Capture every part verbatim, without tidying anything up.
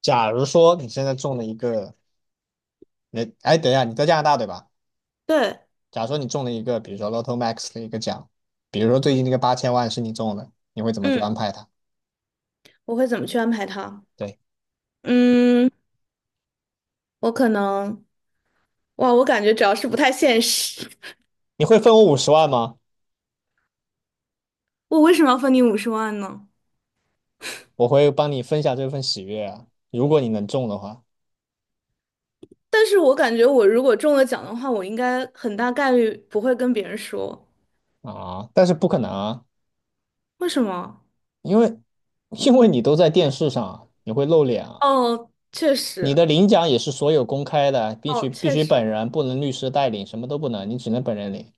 假如说你现在中了一个，你哎，等一下，你在加拿大对吧？对，假如说你中了一个，比如说 Lotto Max 的一个奖，比如说最近那个八千万是你中的，你会怎么去嗯，安排它？我会怎么去安排它？对，嗯，我可能，哇，我感觉主要是不太现实。你会分我五十万吗？我为什么要分你五十万呢？我会帮你分享这份喜悦啊，如果你能中的话但是我感觉我如果中了奖的话，我应该很大概率不会跟别人说。啊，但是不可能啊，为什么？因为因为你都在电视上啊，你会露脸啊，哦，确你实，的领奖也是所有公开的，必须哦，必确须本实，人，不能律师代领，什么都不能，你只能本人领。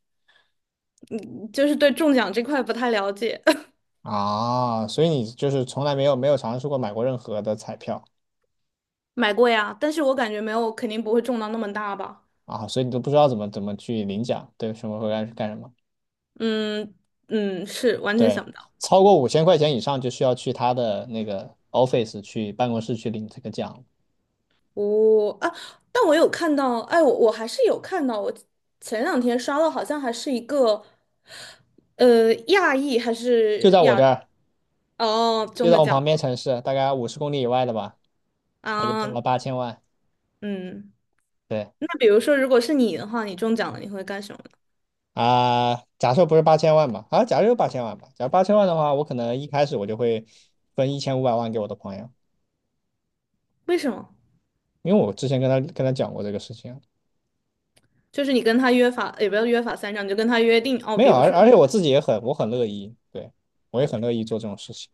就是对中奖这块不太了解。啊，所以你就是从来没有没有尝试过买过任何的彩票买过呀，但是我感觉没有，肯定不会中到那么大吧。啊，所以你都不知道怎么怎么去领奖，对，什么会干干什么？嗯嗯，是完全对，想不到。超过五千块钱以上就需要去他的那个 office 去办公室去领这个奖，哦啊，但我有看到，哎，我我还是有看到，我前两天刷到，好像还是一个，呃，亚裔还就是在我亚，这儿，哦，就中在的我奖旁边城市，大概五十公里以外的吧，吗他就中啊，了八千万。嗯，对那比如说，如果是你的话，你中奖了，你会干什么呢？啊，假设不是八千万吧，啊，假设有八千万吧，假如八千万的话，我可能一开始我就会分一千五百万给我的朋友，为什么？因为我之前跟他跟他讲过这个事情，就是你跟他约法，也不要约法三章，你就跟他约定哦，没比有，如而说而你且们我自己也很，我很乐意，对，我也很乐意做这种事情。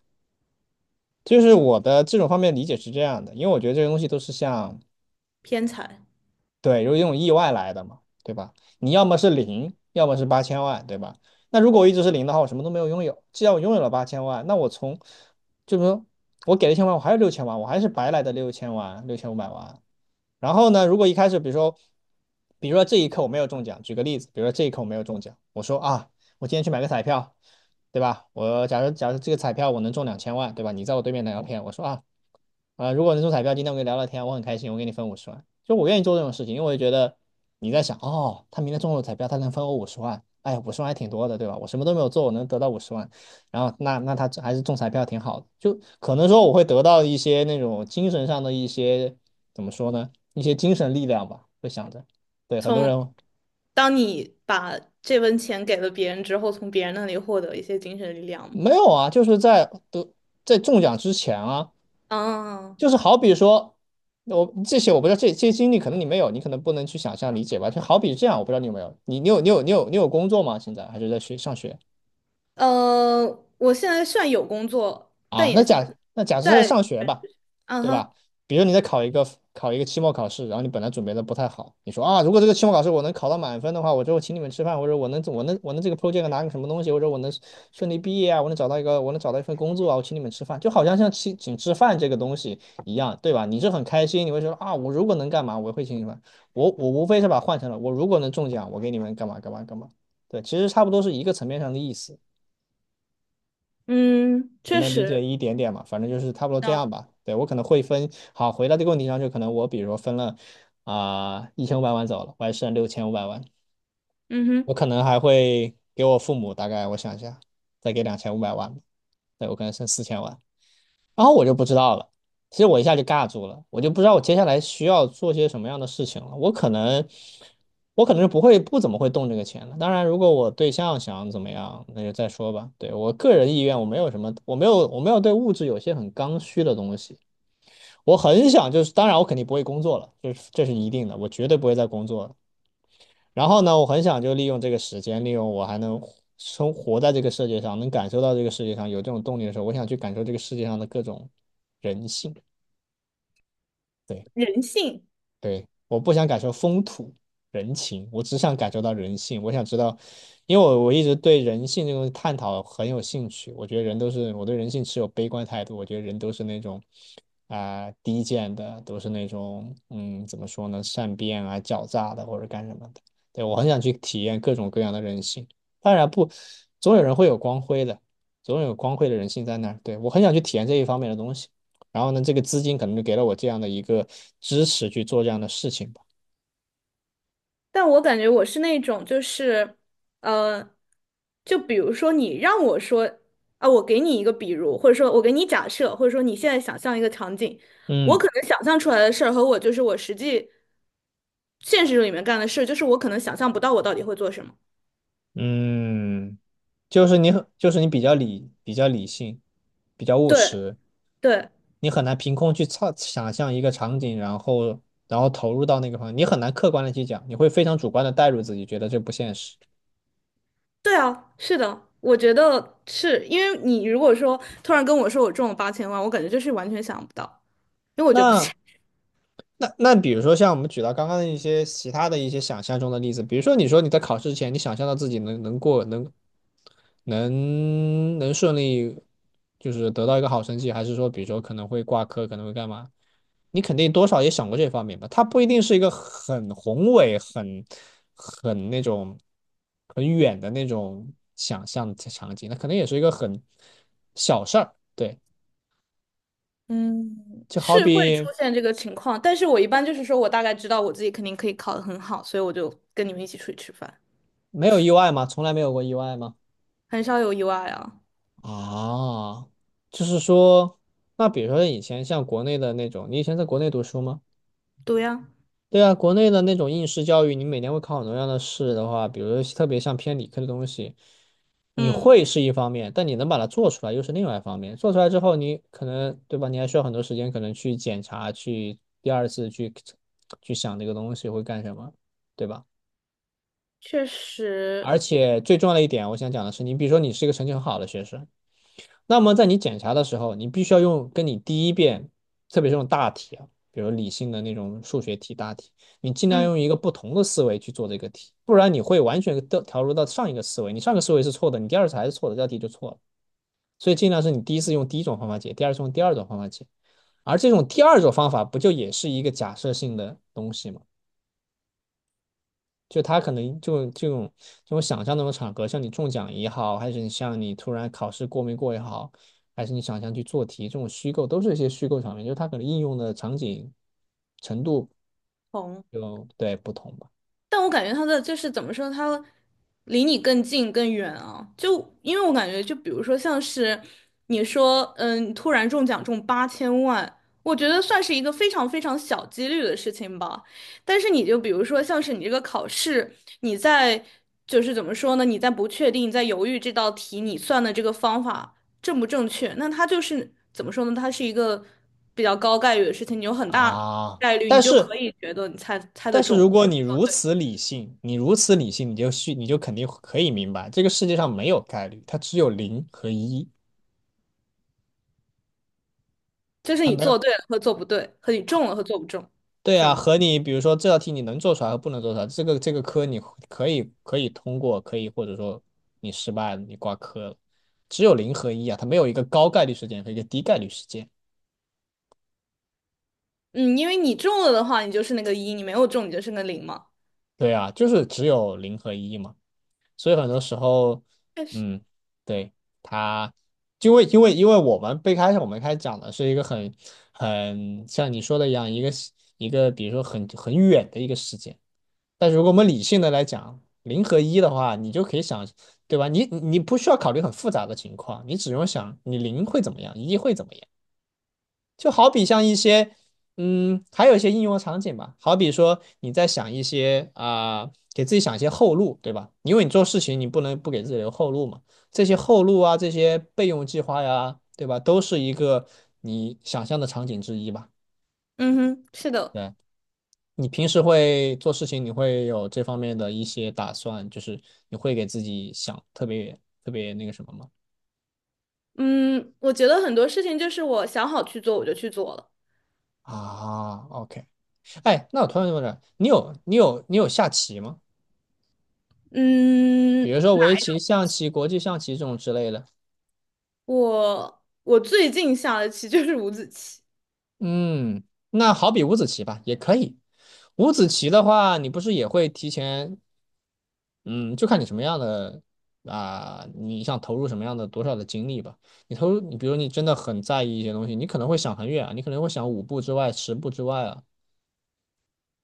就是我的这种方面理解是这样的，因为我觉得这些东西都是像偏财，对，有一种意外来的嘛，对吧？你要么是零，要么是八千万，对吧？那如果我一直是零的话，我什么都没有拥有。既然我拥有了八千万，那我从，就是说我给了一千万，我还有六千万，我还是白来的六千万，六千五百万。然后呢，如果一开始，比如说，比如说这一刻我没有中奖，举个例子，比如说这一刻我没有中奖，我说啊，我今天去买个彩票，对吧？我假如假如这个彩票我能中两千万，对吧？你在我对面打个片，我说啊，啊、呃如果能中彩票，今天我跟你聊聊天啊，我很开心，我给你分五十万。就我愿意做这种事情，因为我觉得你在想，哦，他明天中了彩票，他能分我五十万，哎，五十万还挺多的，对吧？我什么都没有做，我能得到五十万，然后那那他还是中彩票挺好的。就可能说我会得到一些那种精神上的一些怎么说呢，一些精神力量吧，会想着。对，很多从人当你把这份钱给了别人之后，从别人那里获得一些精神力量嘛。没有啊，就是在得在中奖之前啊。啊。就是好比说，我这些我不知道，这这些经历可能你没有，你可能不能去想象理解吧。就好比这样，我不知道你有没有，你你有你有你有你有工作吗？现在还是在学上学？呃，我现在算有工作，但啊，那也算假那假设他在上在，学吧，嗯对哼，吧？比如你在考一个考一个期末考试，然后你本来准备的不太好，你说啊，如果这个期末考试我能考到满分的话，我就请你们吃饭，或者我能我能我能这个 project 拿个什么东西，或者我能顺利毕业啊，我能找到一个我能找到一份工作啊，我请你们吃饭，就好像像请请吃饭这个东西一样，对吧？你是很开心，你会说啊，我如果能干嘛，我会请你们，我我无非是把它换成了我如果能中奖，我给你们干嘛干嘛干嘛，对，其实差不多是一个层面上的意思。嗯，你确能理解实，一点点嘛？反正就是差不多这嗯样吧。对，我可能会分，好，回到这个问题上，就可能我比如说分了啊一千五百万走了，我还剩六千五百万，嗯我哼，可能还会给我父母大概我想一下，再给两千五百万吧对，我可能剩四千万。然后我就不知道了。其实我一下就尬住了，我就不知道我接下来需要做些什么样的事情了。我可能，我可能是不会不怎么会动这个钱了。当然，如果我对象想怎么样，那就再说吧。对我个人意愿，我没有什么，我没有，我没有对物质有些很刚需的东西。我很想就是，当然我肯定不会工作了，这是这是一定的，我绝对不会再工作了。然后呢，我很想就利用这个时间，利用我还能生活在这个世界上，能感受到这个世界上有这种动力的时候，我想去感受这个世界上的各种人性。对。人性。对，我不想感受风土人情，我只想感受到人性。我想知道，因为我我一直对人性这种探讨很有兴趣。我觉得人都是，我对人性持有悲观态度。我觉得人都是那种啊、低贱的，都是那种嗯怎么说呢，善变啊、狡诈的或者干什么的。对，我很想去体验各种各样的人性。当然不，总有人会有光辉的，总有光辉的人性在那儿。对，我很想去体验这一方面的东西。然后呢，这个资金可能就给了我这样的一个支持去做这样的事情吧。但我感觉我是那种，就是，呃，就比如说你让我说啊，我给你一个比如，或者说我给你假设，或者说你现在想象一个场景，我嗯可能想象出来的事儿和我就是我实际现实里面干的事，就是我可能想象不到我到底会做什么。嗯，就是你很，就是你比较理比较理性，比较务对实，对。你很难凭空去操想象一个场景，然后然后投入到那个方面，你很难客观的去讲，你会非常主观的带入自己，觉得这不现实。对啊，是的，我觉得是因为你如果说突然跟我说我中了八千万，我感觉就是完全想不到，因为我觉得不行。 那那那比如说像我们举到刚刚的一些其他的一些想象中的例子，比如说你说你在考试之前，你想象到自己能能过能能能顺利，就是得到一个好成绩，还是说比如说可能会挂科，可能会干嘛？你肯定多少也想过这方面吧？它不一定是一个很宏伟、很很那种很远的那种想象的场景，那可能也是一个很小事儿。对，嗯，就好是会出比。现这个情况，但是我一般就是说我大概知道我自己肯定可以考得很好，所以我就跟你们一起出去吃饭，没有意外吗？从来没有过意外吗？很少有意外啊。啊，就是说，那比如说以前像国内的那种，你以前在国内读书吗？对呀，对啊，国内的那种应试教育，你每年会考很多样的试的话，比如说特别像偏理科的东西，你嗯，会是一方面，但你能把它做出来又是另外一方面。做出来之后，你可能，对吧？你还需要很多时间，可能去检查，去第二次去去想这个东西会干什么，对吧？确实，而且最重要的一点，我想讲的是，你比如说你是一个成绩很好的学生。那么在你检查的时候，你必须要用跟你第一遍，特别是用大题啊，比如理性的那种数学题大题，你尽量嗯，用一个不同的思维去做这个题，不然你会完全掉调入到上一个思维，你上个思维是错的，你第二次还是错的，这道题就错了。所以尽量是你第一次用第一种方法解，第二次用第二种方法解，而这种第二种方法不就也是一个假设性的东西吗？就他可能就这种这种想象那种场合，像你中奖也好，还是你像你突然考试过没过也好，还是你想象去做题，这种虚构都是一些虚构场面，就是它可能应用的场景程度同。就对不同吧。但我感觉他的就是怎么说，他离你更近更远啊。就因为我感觉，就比如说像是你说，嗯，突然中奖中八千万，我觉得算是一个非常非常小几率的事情吧。但是你就比如说像是你这个考试，你在就是怎么说呢？你在不确定，在犹豫这道题你算的这个方法正不正确，那它就是怎么说呢？它是一个比较高概率的事情，你有很大啊，概率你但就可是以觉得你猜猜得但是如中。果你如此理性，你如此理性，你就去你就肯定可以明白，这个世界上没有概率，它只有零和一，就是它你没有。做对了和做不对，和你中了和做不中，对是啊，吗？和你比如说这道题你能做出来和不能做出来，这个这个科你可以可以通过，可以或者说你失败了，你挂科了，只有零和一啊，它没有一个高概率事件和一个低概率事件。嗯，因为你中了的话，你就是那个一；你没有中，你就是那个零嘛。对啊，就是只有零和一嘛，所以很多时候，确实，嗯，对，它因为因为因为我们最开始我们开始讲的是一个很很像你说的一样，一个一个比如说很很远的一个事件。但是如果我们理性的来讲，零和一的话，你就可以想，对吧？你你不需要考虑很复杂的情况，你只用想你零会怎么样，一会怎么样。就好比像一些，嗯，还有一些应用场景吧，好比说你在想一些啊、呃给自己想一些后路，对吧？因为你做事情你不能不给自己留后路嘛。这些后路啊，这些备用计划呀，对吧？都是一个你想象的场景之一吧。嗯哼，是的，对。你平时会做事情，你会有这方面的一些打算，就是你会给自己想特别特别那个什么吗？嗯，我觉得很多事情就是我想好去做，我就去做了。啊，OK，哎，那我突然问了，你有你有你有下棋吗？比嗯，如说围棋、象棋、国际象棋这种之类的。我我最近下的棋就是五子棋。嗯，那好比五子棋吧，也可以。五子棋的话，你不是也会提前嗯，就看你什么样的啊、你想投入什么样的多少的精力吧。你投入，你比如你真的很在意一些东西，你可能会想很远啊，你可能会想五步之外、十步之外啊，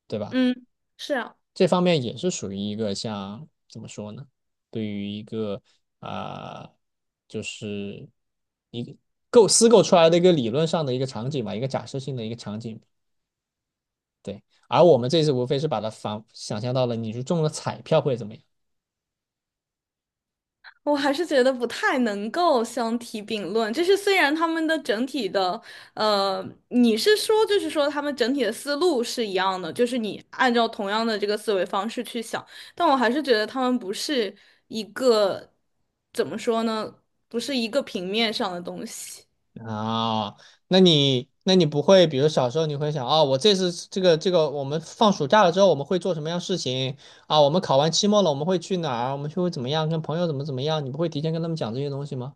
对吧？嗯，是啊。这方面也是属于一个像怎么说呢？对于一个啊、就是一个构思构出来的一个理论上的一个场景吧，一个假设性的一个场景。对，而我们这次无非是把它反想象到了，你是中了彩票会怎么样？我还是觉得不太能够相提并论，就是虽然他们的整体的，呃，你是说就是说他们整体的思路是一样的，就是你按照同样的这个思维方式去想，但我还是觉得他们不是一个，怎么说呢，不是一个平面上的东西，啊，那你那你不会，比如小时候你会想啊、我这次这个这个，我们放暑假了之后我们会做什么样事情啊？我们考完期末了，我们会去哪儿？我们去会怎么样？跟朋友怎么怎么样？你不会提前跟他们讲这些东西吗？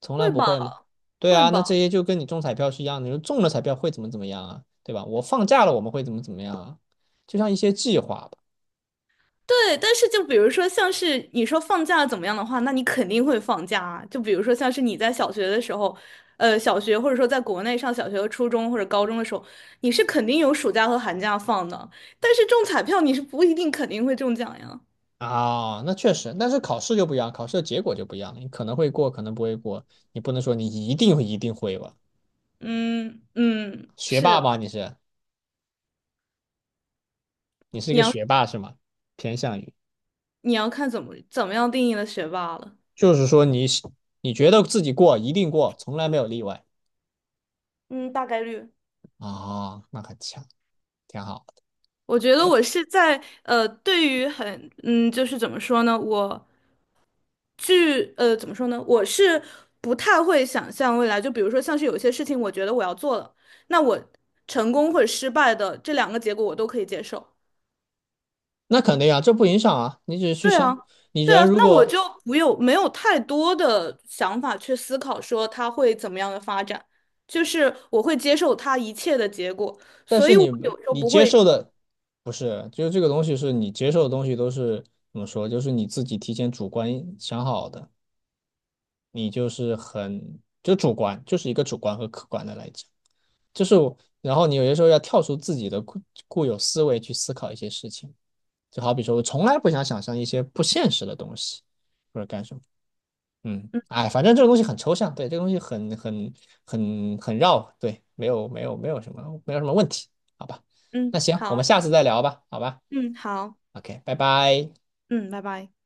从来会不吧，会吗？对会啊，那这吧。些就跟你中彩票是一样的，你说中了彩票会怎么怎么样啊？对吧？我放假了我们会怎么怎么样啊？就像一些计划吧。对，但是就比如说，像是你说放假怎么样的话，那你肯定会放假啊。就比如说，像是你在小学的时候，呃，小学或者说在国内上小学和初中或者高中的时候，你是肯定有暑假和寒假放的。但是中彩票你是不一定肯定会中奖呀。啊，那确实，但是考试就不一样，考试的结果就不一样了，你可能会过，可能不会过，你不能说你一定一定会吧？嗯嗯，学霸是，吧，你是？你是一你个要学霸是吗？偏向于，你要看怎么怎么样定义的学霸了。就是说你你觉得自己过一定过，从来没有例外嗯，大概率。啊、哦那很强，挺好。我觉得对，我是在呃，对于很嗯，就是怎么说呢，我据呃怎么说呢，我是不太会想象未来，就比如说像是有些事情，我觉得我要做了，那我成功或者失败的这两个结果我都可以接受。那肯定啊，这不影响啊，你只是去对想，啊，你对啊，人如那我就果，不有没有太多的想法去思考说它会怎么样的发展，就是我会接受它一切的结果，但所是以我你有时候你不接受会，的不是，就是这个东西是你接受的东西都是怎么说，就是你自己提前主观想好的，你就是很就主观，就是一个主观和客观的来讲，就是然后你有些时候要跳出自己的固固有思维去思考一些事情。就好比说，我从来不想想象一些不现实的东西，或者干什么。嗯，嗯哎，反正这个东西很抽象，对，这个东西很很很很绕，对，没有没有没有什么没有什么问题，好吧？那嗯，行，我们好，下次再聊吧，好吧嗯好，？OK，拜拜。嗯，拜拜。